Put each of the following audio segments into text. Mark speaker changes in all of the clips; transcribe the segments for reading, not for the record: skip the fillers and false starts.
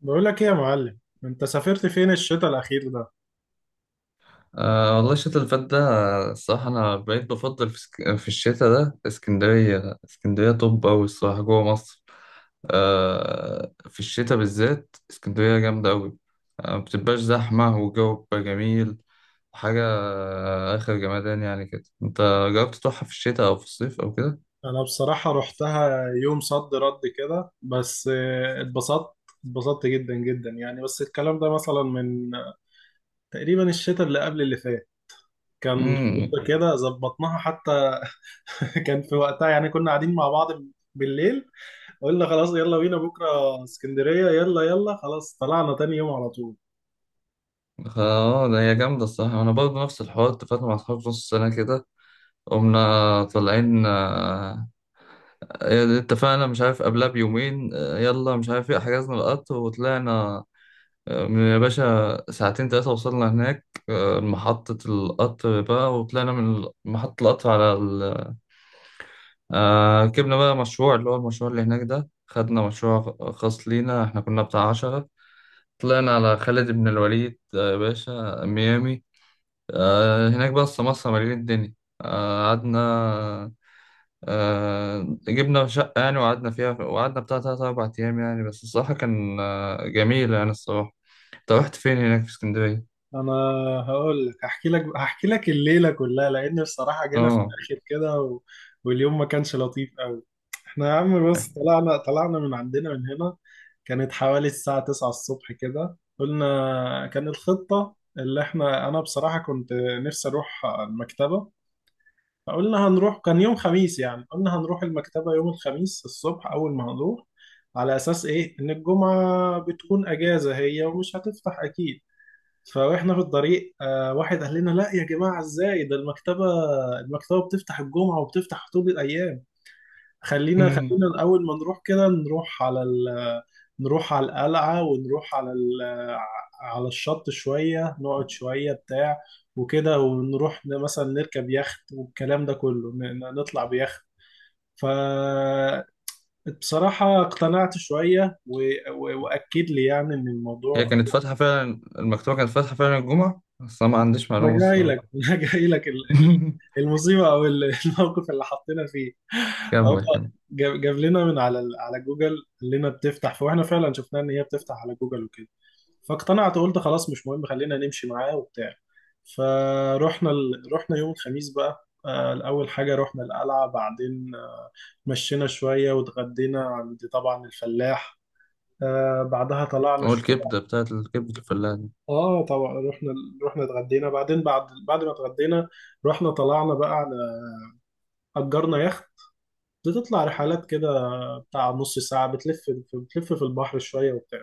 Speaker 1: بقول لك ايه يا معلم، انت سافرت فين الشتاء الاخير ده؟
Speaker 2: أه والله الشتاء اللي فات ده، الصراحة أنا بقيت بفضل في الشتاء ده اسكندرية اسكندرية. طب أوي الصراحة جوه مصر. أه، في الشتاء بالذات اسكندرية جامدة أوي. أه، مبتبقاش زحمة والجو بيبقى جميل. حاجة آخر جمدان يعني كده. أنت جربت تروحها في الشتاء أو في الصيف أو كده؟
Speaker 1: انا بصراحة رحتها يوم صد رد كده بس، اتبسطت جدا جدا يعني. بس الكلام ده مثلا من تقريبا الشتاء اللي قبل اللي فات، كان
Speaker 2: امم.
Speaker 1: خروجه كده ظبطناها حتى. كان في وقتها يعني كنا قاعدين مع بعض بالليل. قلنا خلاص، يلا بينا بكرة اسكندرية، يلا يلا، خلاص طلعنا تاني يوم على طول.
Speaker 2: اه، ده هي جامدة الصراحة. أنا برضه نفس الحوار، اتفقنا مع أصحابي في نص السنة كده، قمنا طالعين. آه، إيه، اتفقنا مش عارف قبلها بيومين، يلا مش عارف ايه، حجزنا القطر وطلعنا. من يا باشا ساعتين تلاتة وصلنا هناك. محطة القطر بقى، وطلعنا من محطة القطر على ال... آه، ركبنا بقى مشروع، اللي هو المشروع اللي هناك ده، خدنا مشروع خاص لينا، احنا كنا بتاع 10. طلعنا على خالد بن الوليد، يا باشا ميامي. هناك بقى السماسرة مليان الدنيا. قعدنا. آه، جبنا شقة يعني وقعدنا فيها، وقعدنا بتاع تلات أربع أيام يعني. بس الصراحة كان جميل يعني الصراحة. أنت رحت فين هناك في اسكندرية؟
Speaker 1: انا هقول لك هحكي لك الليله كلها، لان بصراحه جينا في
Speaker 2: آه.
Speaker 1: الاخر كده واليوم ما كانش لطيف قوي. احنا يا عم، بص، طلعنا من عندنا من هنا كانت حوالي الساعه 9 الصبح كده، قلنا كان الخطه، اللي احنا انا بصراحه كنت نفسي اروح المكتبه. فقلنا هنروح، كان يوم خميس يعني، قلنا هنروح المكتبه يوم الخميس الصبح اول ما هنروح، على اساس ايه ان الجمعه بتكون اجازه هي ومش هتفتح اكيد. فاحنا في الطريق واحد قال لنا لا يا جماعه ازاي ده، المكتبه بتفتح الجمعه وبتفتح طول الايام.
Speaker 2: امم.
Speaker 1: خلينا الاول ما نروح كده، نروح نروح على القلعه، ونروح على الشط شويه، نقعد شويه بتاع وكده، ونروح مثلا نركب يخت، والكلام ده كله، نطلع بيخت. فبصراحة اقتنعت شوية، وأكد لي يعني إن
Speaker 2: هي
Speaker 1: الموضوع.
Speaker 2: كانت فاتحة فعلا، المكتبة كانت فاتحة فعلا الجمعة، بس أنا ما عنديش
Speaker 1: انا
Speaker 2: معلومة
Speaker 1: جاي لك،
Speaker 2: الصراحة.
Speaker 1: انا جاي لك، المصيبه او الموقف اللي حطينا فيه. هو
Speaker 2: كمل كمل.
Speaker 1: جاب لنا من على جوجل، قال لنا بتفتح، فاحنا فعلا شفناها ان هي بتفتح على جوجل وكده. فاقتنعت وقلت خلاص مش مهم، خلينا نمشي معاه وبتاع. رحنا يوم الخميس بقى، اول حاجه رحنا القلعه، بعدين مشينا شويه واتغدينا عند طبعا الفلاح. بعدها طلعنا.
Speaker 2: والكبدة بتاعت الكبدة الفلاح دي.
Speaker 1: اه طبعا، رحنا، اتغدينا، بعد ما اتغدينا، رحنا طلعنا بقى، على اجرنا يخت بتطلع رحلات كده بتاع نص ساعة، بتلف، في البحر شوية وبتاع،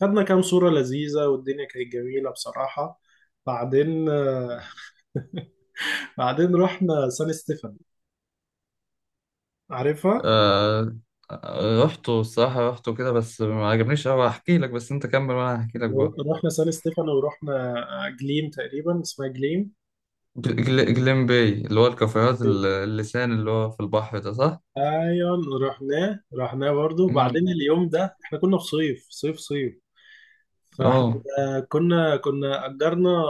Speaker 1: خدنا كام صورة لذيذة والدنيا كانت جميلة بصراحة. بعدين آه، بعدين رحنا سان ستيفن، عارفها.
Speaker 2: آه آه، رحته الصراحة، رحته كده بس ما عجبنيش أوي. هحكي لك، بس أنت كمل وأنا هحكي لك برضه.
Speaker 1: رحنا سان ستيفن ورحنا جليم، تقريبا اسمها جليم.
Speaker 2: جليم باي، اللي هو الكافيهات اللسان اللي هو في البحر ده، صح؟
Speaker 1: ايوه، رحناه برضه.
Speaker 2: امم.
Speaker 1: وبعدين اليوم ده احنا كنا في صيف صيف صيف. فاحنا
Speaker 2: اه.
Speaker 1: كنا اجرنا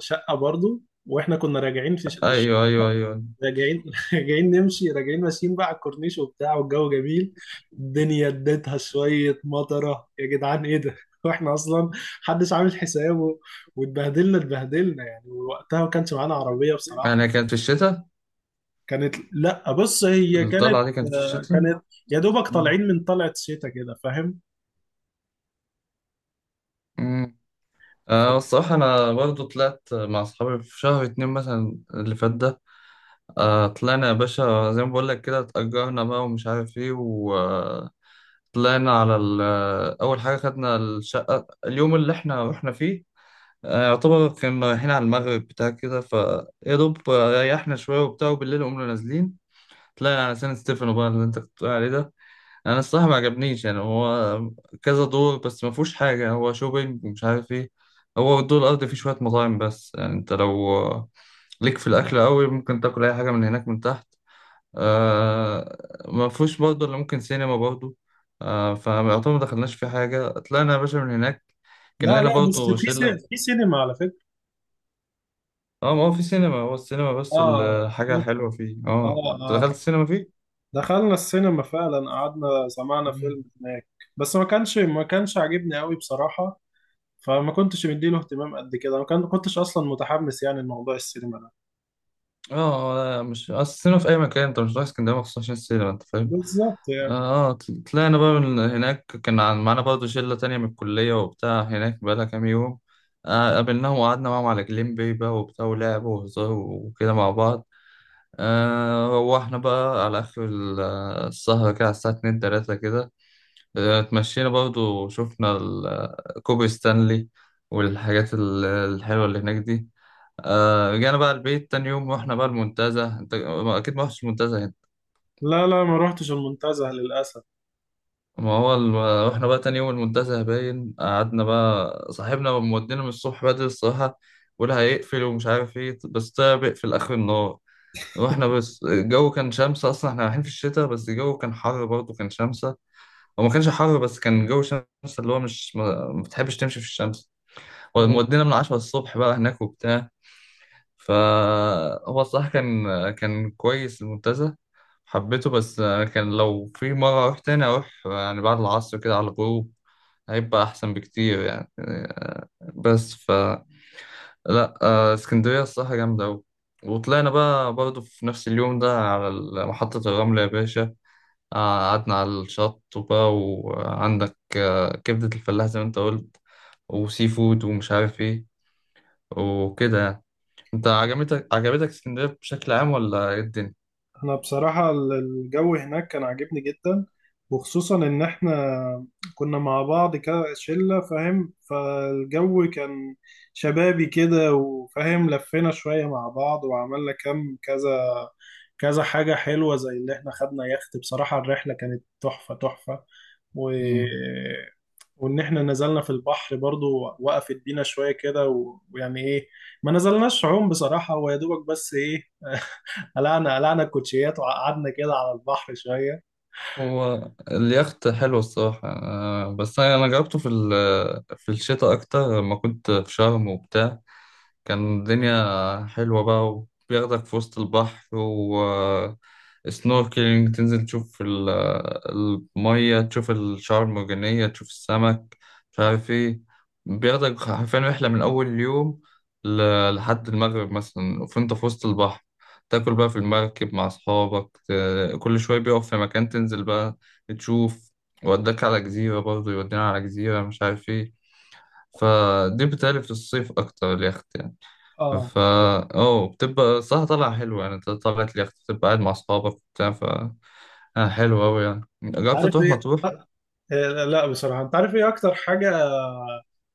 Speaker 1: شقه برضو. واحنا كنا راجعين
Speaker 2: ايوه ايوه ايوه.
Speaker 1: راجعين راجعين ماشيين بقى على الكورنيش وبتاع، والجو جميل. الدنيا اديتها شويه مطره، يا جدعان ايه ده! واحنا اصلا محدش عامل حسابه. اتبهدلنا يعني، ووقتها ما كانش معانا عربيه بصراحه.
Speaker 2: يعني كانت في الشتاء؟
Speaker 1: كانت، لا بص هي كانت،
Speaker 2: الطلعه دي كانت في الشتاء؟
Speaker 1: كانت يا دوبك
Speaker 2: مم.
Speaker 1: طالعين من طلعت شتاء كده فاهم.
Speaker 2: مم. آه،
Speaker 1: ف-
Speaker 2: الصراحه انا برضو طلعت مع اصحابي في شهر 2 مثلا اللي فات ده. آه، طلعنا يا باشا زي ما بقول لك كده، اتأجرنا بقى ومش عارف ايه وطلعنا على اول حاجه خدنا الشقه اليوم اللي احنا رحنا فيه. آه، يعتبر كنا رايحين على المغرب بتاع كده، فيا دوب ريحنا شويه وبتاع، وبالليل قمنا نازلين، طلعنا على سان ستيفانو بقى اللي انت كنت بتقول عليه ده. انا الصراحه ما عجبنيش يعني. هو كذا دور بس ما فيهوش حاجه، هو شوبينج ومش عارف ايه. هو الدور الارضي فيه شويه مطاعم، بس يعني انت لو ليك في الاكل قوي، ممكن تاكل اي حاجه من هناك من تحت. آه. ما فيهوش برضه الا ممكن سينما برضه. آه، فيعتبر ما دخلناش في حاجه، طلعنا يا باشا من هناك. كان
Speaker 1: لا
Speaker 2: لنا
Speaker 1: لا، بس
Speaker 2: برضه
Speaker 1: في
Speaker 2: شله.
Speaker 1: سينما على فكره.
Speaker 2: اه، ما هو في سينما، هو السينما بس
Speaker 1: اه
Speaker 2: الحاجه حلوه فيه. اه،
Speaker 1: اه
Speaker 2: انت
Speaker 1: اه،
Speaker 2: دخلت السينما فيه؟
Speaker 1: دخلنا السينما فعلا، قعدنا سمعنا
Speaker 2: مم.
Speaker 1: فيلم هناك، بس ما كانش عاجبني قوي بصراحة، فما كنتش مديله اهتمام قد كده، ما كنتش اصلا متحمس يعني لموضوع السينما ده،
Speaker 2: اه، لا مش اصل السينما في اي مكان، انت مش رايح اسكندريه مخصوص عشان السينما، انت فاهم.
Speaker 1: بالظبط يعني.
Speaker 2: اه، طلعنا بقى من هناك. كان معانا برضه شلة تانية من الكلية وبتاع، هناك بقالها كام يوم. آه، قابلناهم وقعدنا معاهم على جليم باي بقى وبتاع، ولعب وهزار وكده مع بعض. آه، روحنا بقى على آخر السهرة كده، على الساعة اتنين تلاتة كده. آه، اتمشينا برضه، شفنا كوبري ستانلي، والحاجات الحلوة اللي هناك دي. آه، رجعنا بقى البيت. تاني يوم رحنا بقى المنتزه. انت اكيد ما رحتش المنتزه.
Speaker 1: لا لا، ما روحتش المنتزه للأسف.
Speaker 2: ما هو ال... واحنا بقى تاني يوم المنتزه باين، قعدنا بقى، صاحبنا مودينا من الصبح بدري الصراحة، ولا هيقفل ومش عارف ايه، بس طلع بيقفل آخر النهار. واحنا بس الجو كان شمسة، أصلا احنا رايحين في الشتاء، بس الجو كان حر برضه، كان شمسة. هو ما كانش حر بس كان جو شمسة، اللي هو مش ما بتحبش تمشي في الشمس. ومودينا من 10 الصبح بقى هناك وبتاع. فهو الصراحة كان كويس المنتزه. حبيته. بس كان لو في مرة أروح تاني، أروح يعني بعد العصر كده على الغروب، هيبقى أحسن بكتير يعني. بس. لا، اسكندرية الصراحة جامدة أوي. وطلعنا بقى برضه في نفس اليوم ده على محطة الرمل يا باشا. قعدنا على الشط وبقى وعندك كبدة الفلاح زي ما أنت قلت، وسي فود ومش عارف إيه وكده يعني. انت عجبتك اسكندريه بشكل عام ولا ايه الدنيا؟
Speaker 1: انا بصراحة الجو هناك كان عاجبني جدا، وخصوصا ان احنا كنا مع بعض كشلة فاهم، فالجو كان شبابي كده وفاهم، لفينا شوية مع بعض وعملنا كم كذا كذا حاجة حلوة، زي اللي احنا خدنا يخت بصراحة الرحلة كانت تحفة تحفة. و...
Speaker 2: مم.
Speaker 1: وان احنا نزلنا في البحر برضو، وقفت بينا شوية كده، ويعني ايه، ما نزلناش عوم بصراحة، هو يا دوبك بس ايه، قلعنا الكوتشيات وقعدنا كده على البحر شويه.
Speaker 2: هو اليخت حلو الصراحه، بس أنا جربته في في الشتاء اكتر لما كنت في شرم وبتاع، كان الدنيا حلوة بقى، وبياخدك في وسط البحر، و سنوركلينج تنزل تشوف المية، تشوف الشعاب المرجانية، تشوف السمك، مش عارف ايه. بياخدك حرفيا رحلة من أول يوم لحد المغرب مثلا، فانت في وسط البحر، تاكل بقى في المركب مع أصحابك، كل شوية بيقف في مكان تنزل بقى تشوف، وداك على جزيرة برضه، يودينا على جزيرة مش عارف ايه. فدي بتالي في الصيف أكتر اليخت يعني.
Speaker 1: اه،
Speaker 2: فا اه، بتبقى صح طالعة حلوة يعني، انت طلعت لي بتبقى قاعد مع أصحابك بتاع. ف حلو أوي يعني. جربت
Speaker 1: عارف
Speaker 2: تروح
Speaker 1: ايه
Speaker 2: مطروح؟
Speaker 1: لا بصراحه، انت عارف ايه اكتر حاجه،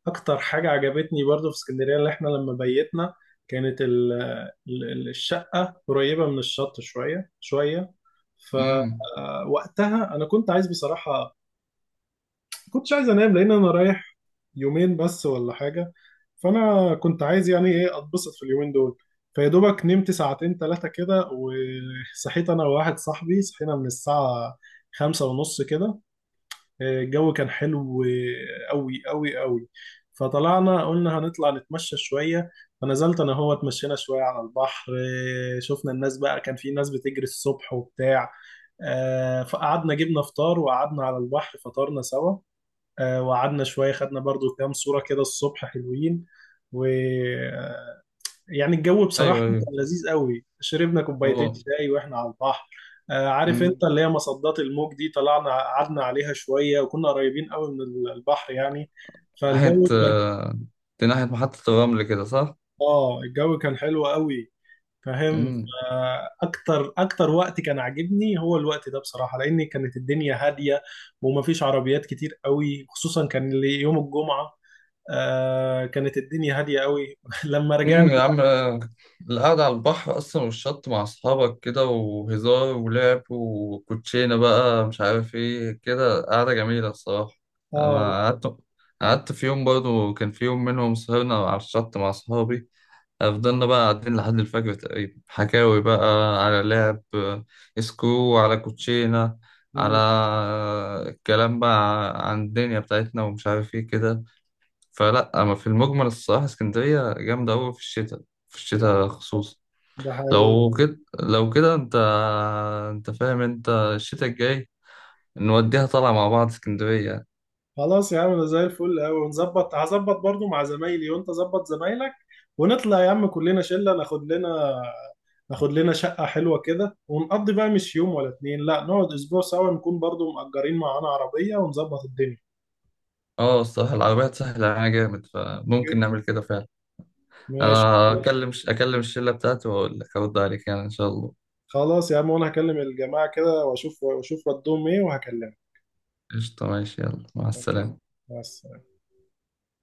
Speaker 1: عجبتني برضو في اسكندريه، اللي احنا لما بيتنا كانت، ال ال الشقه قريبه من الشط شويه شويه.
Speaker 2: امم.
Speaker 1: فوقتها انا كنت عايز بصراحه، كنتش عايز انام لان انا رايح يومين بس ولا حاجه، فانا كنت عايز يعني ايه اتبسط في اليومين دول. فيا دوبك نمت ساعتين ثلاثه كده، وصحيت انا وواحد صاحبي، صحينا من الساعه 5:30 كده. الجو كان حلو قوي قوي قوي. فطلعنا قلنا هنطلع نتمشى شويه، فنزلت انا هو، اتمشينا شويه على البحر. شفنا الناس بقى كان في ناس بتجري الصبح وبتاع. فقعدنا جبنا فطار وقعدنا على البحر فطرنا سوا. وقعدنا شوية، خدنا برضو كام صورة كده الصبح حلوين، ويعني الجو بصراحة
Speaker 2: أيوه أيوه.
Speaker 1: كان لذيذ قوي، شربنا كوبايتين
Speaker 2: اه.
Speaker 1: شاي واحنا على البحر. عارف انت
Speaker 2: أمم.
Speaker 1: اللي هي مصدات الموج دي، طلعنا قعدنا عليها شوية وكنا قريبين قوي من البحر يعني،
Speaker 2: ناحية
Speaker 1: فالجو كان،
Speaker 2: آه، دي ناحية محطة الرمل كده، صح؟
Speaker 1: اه الجو كان حلو قوي فاهم. اكتر وقت كان عاجبني هو الوقت ده بصراحة، لان كانت الدنيا هادية ومفيش عربيات كتير قوي، خصوصا كان يوم الجمعة، كانت الدنيا هادية قوي. لما رجعنا،
Speaker 2: يا عم. القعدة على البحر أصلا والشط مع أصحابك كده، وهزار ولعب وكوتشينة بقى مش عارف إيه، كده قعدة جميلة الصراحة.
Speaker 1: اه،
Speaker 2: أنا قعدت في يوم برضه، كان في يوم منهم سهرنا على الشط مع أصحابي، فضلنا بقى قاعدين لحد الفجر تقريبا، حكاوي بقى، على لعب، سكرو على كوتشينة، على
Speaker 1: مم،
Speaker 2: الكلام بقى عن الدنيا بتاعتنا ومش عارف إيه كده. فلا اما في المجمل الصراحه اسكندريه جامده قوي في الشتاء، في
Speaker 1: ده
Speaker 2: الشتاء خصوصا.
Speaker 1: ده حقيقي.
Speaker 2: لو كده، لو كده انت فاهم، انت الشتاء الجاي نوديها طالعه مع بعض اسكندريه.
Speaker 1: خلاص يا عم، ده زي الفل قوي، ونظبط، هظبط برضو مع زمايلي، وانت ظبط زمايلك، ونطلع يا عم كلنا شلة. ناخد لنا شقة حلوة كده، ونقضي بقى مش يوم ولا اتنين، لا نقعد اسبوع سوا، نكون برضو مأجرين معانا عربية ونظبط الدنيا.
Speaker 2: اه، الصراحه العربيات سهله علينا جامد، فممكن
Speaker 1: جدا.
Speaker 2: نعمل كده فعلا.
Speaker 1: ماشي.
Speaker 2: انا خلاص اكلم الشله بتاعتي واقول لك، ارد عليك يعني ان شاء الله.
Speaker 1: خلاص يا عم، وانا هكلم الجماعة كده واشوف ردهم ايه، وهكلمك.
Speaker 2: قشطه ماشي، يلا مع
Speaker 1: ماشي.
Speaker 2: السلامه.
Speaker 1: بس.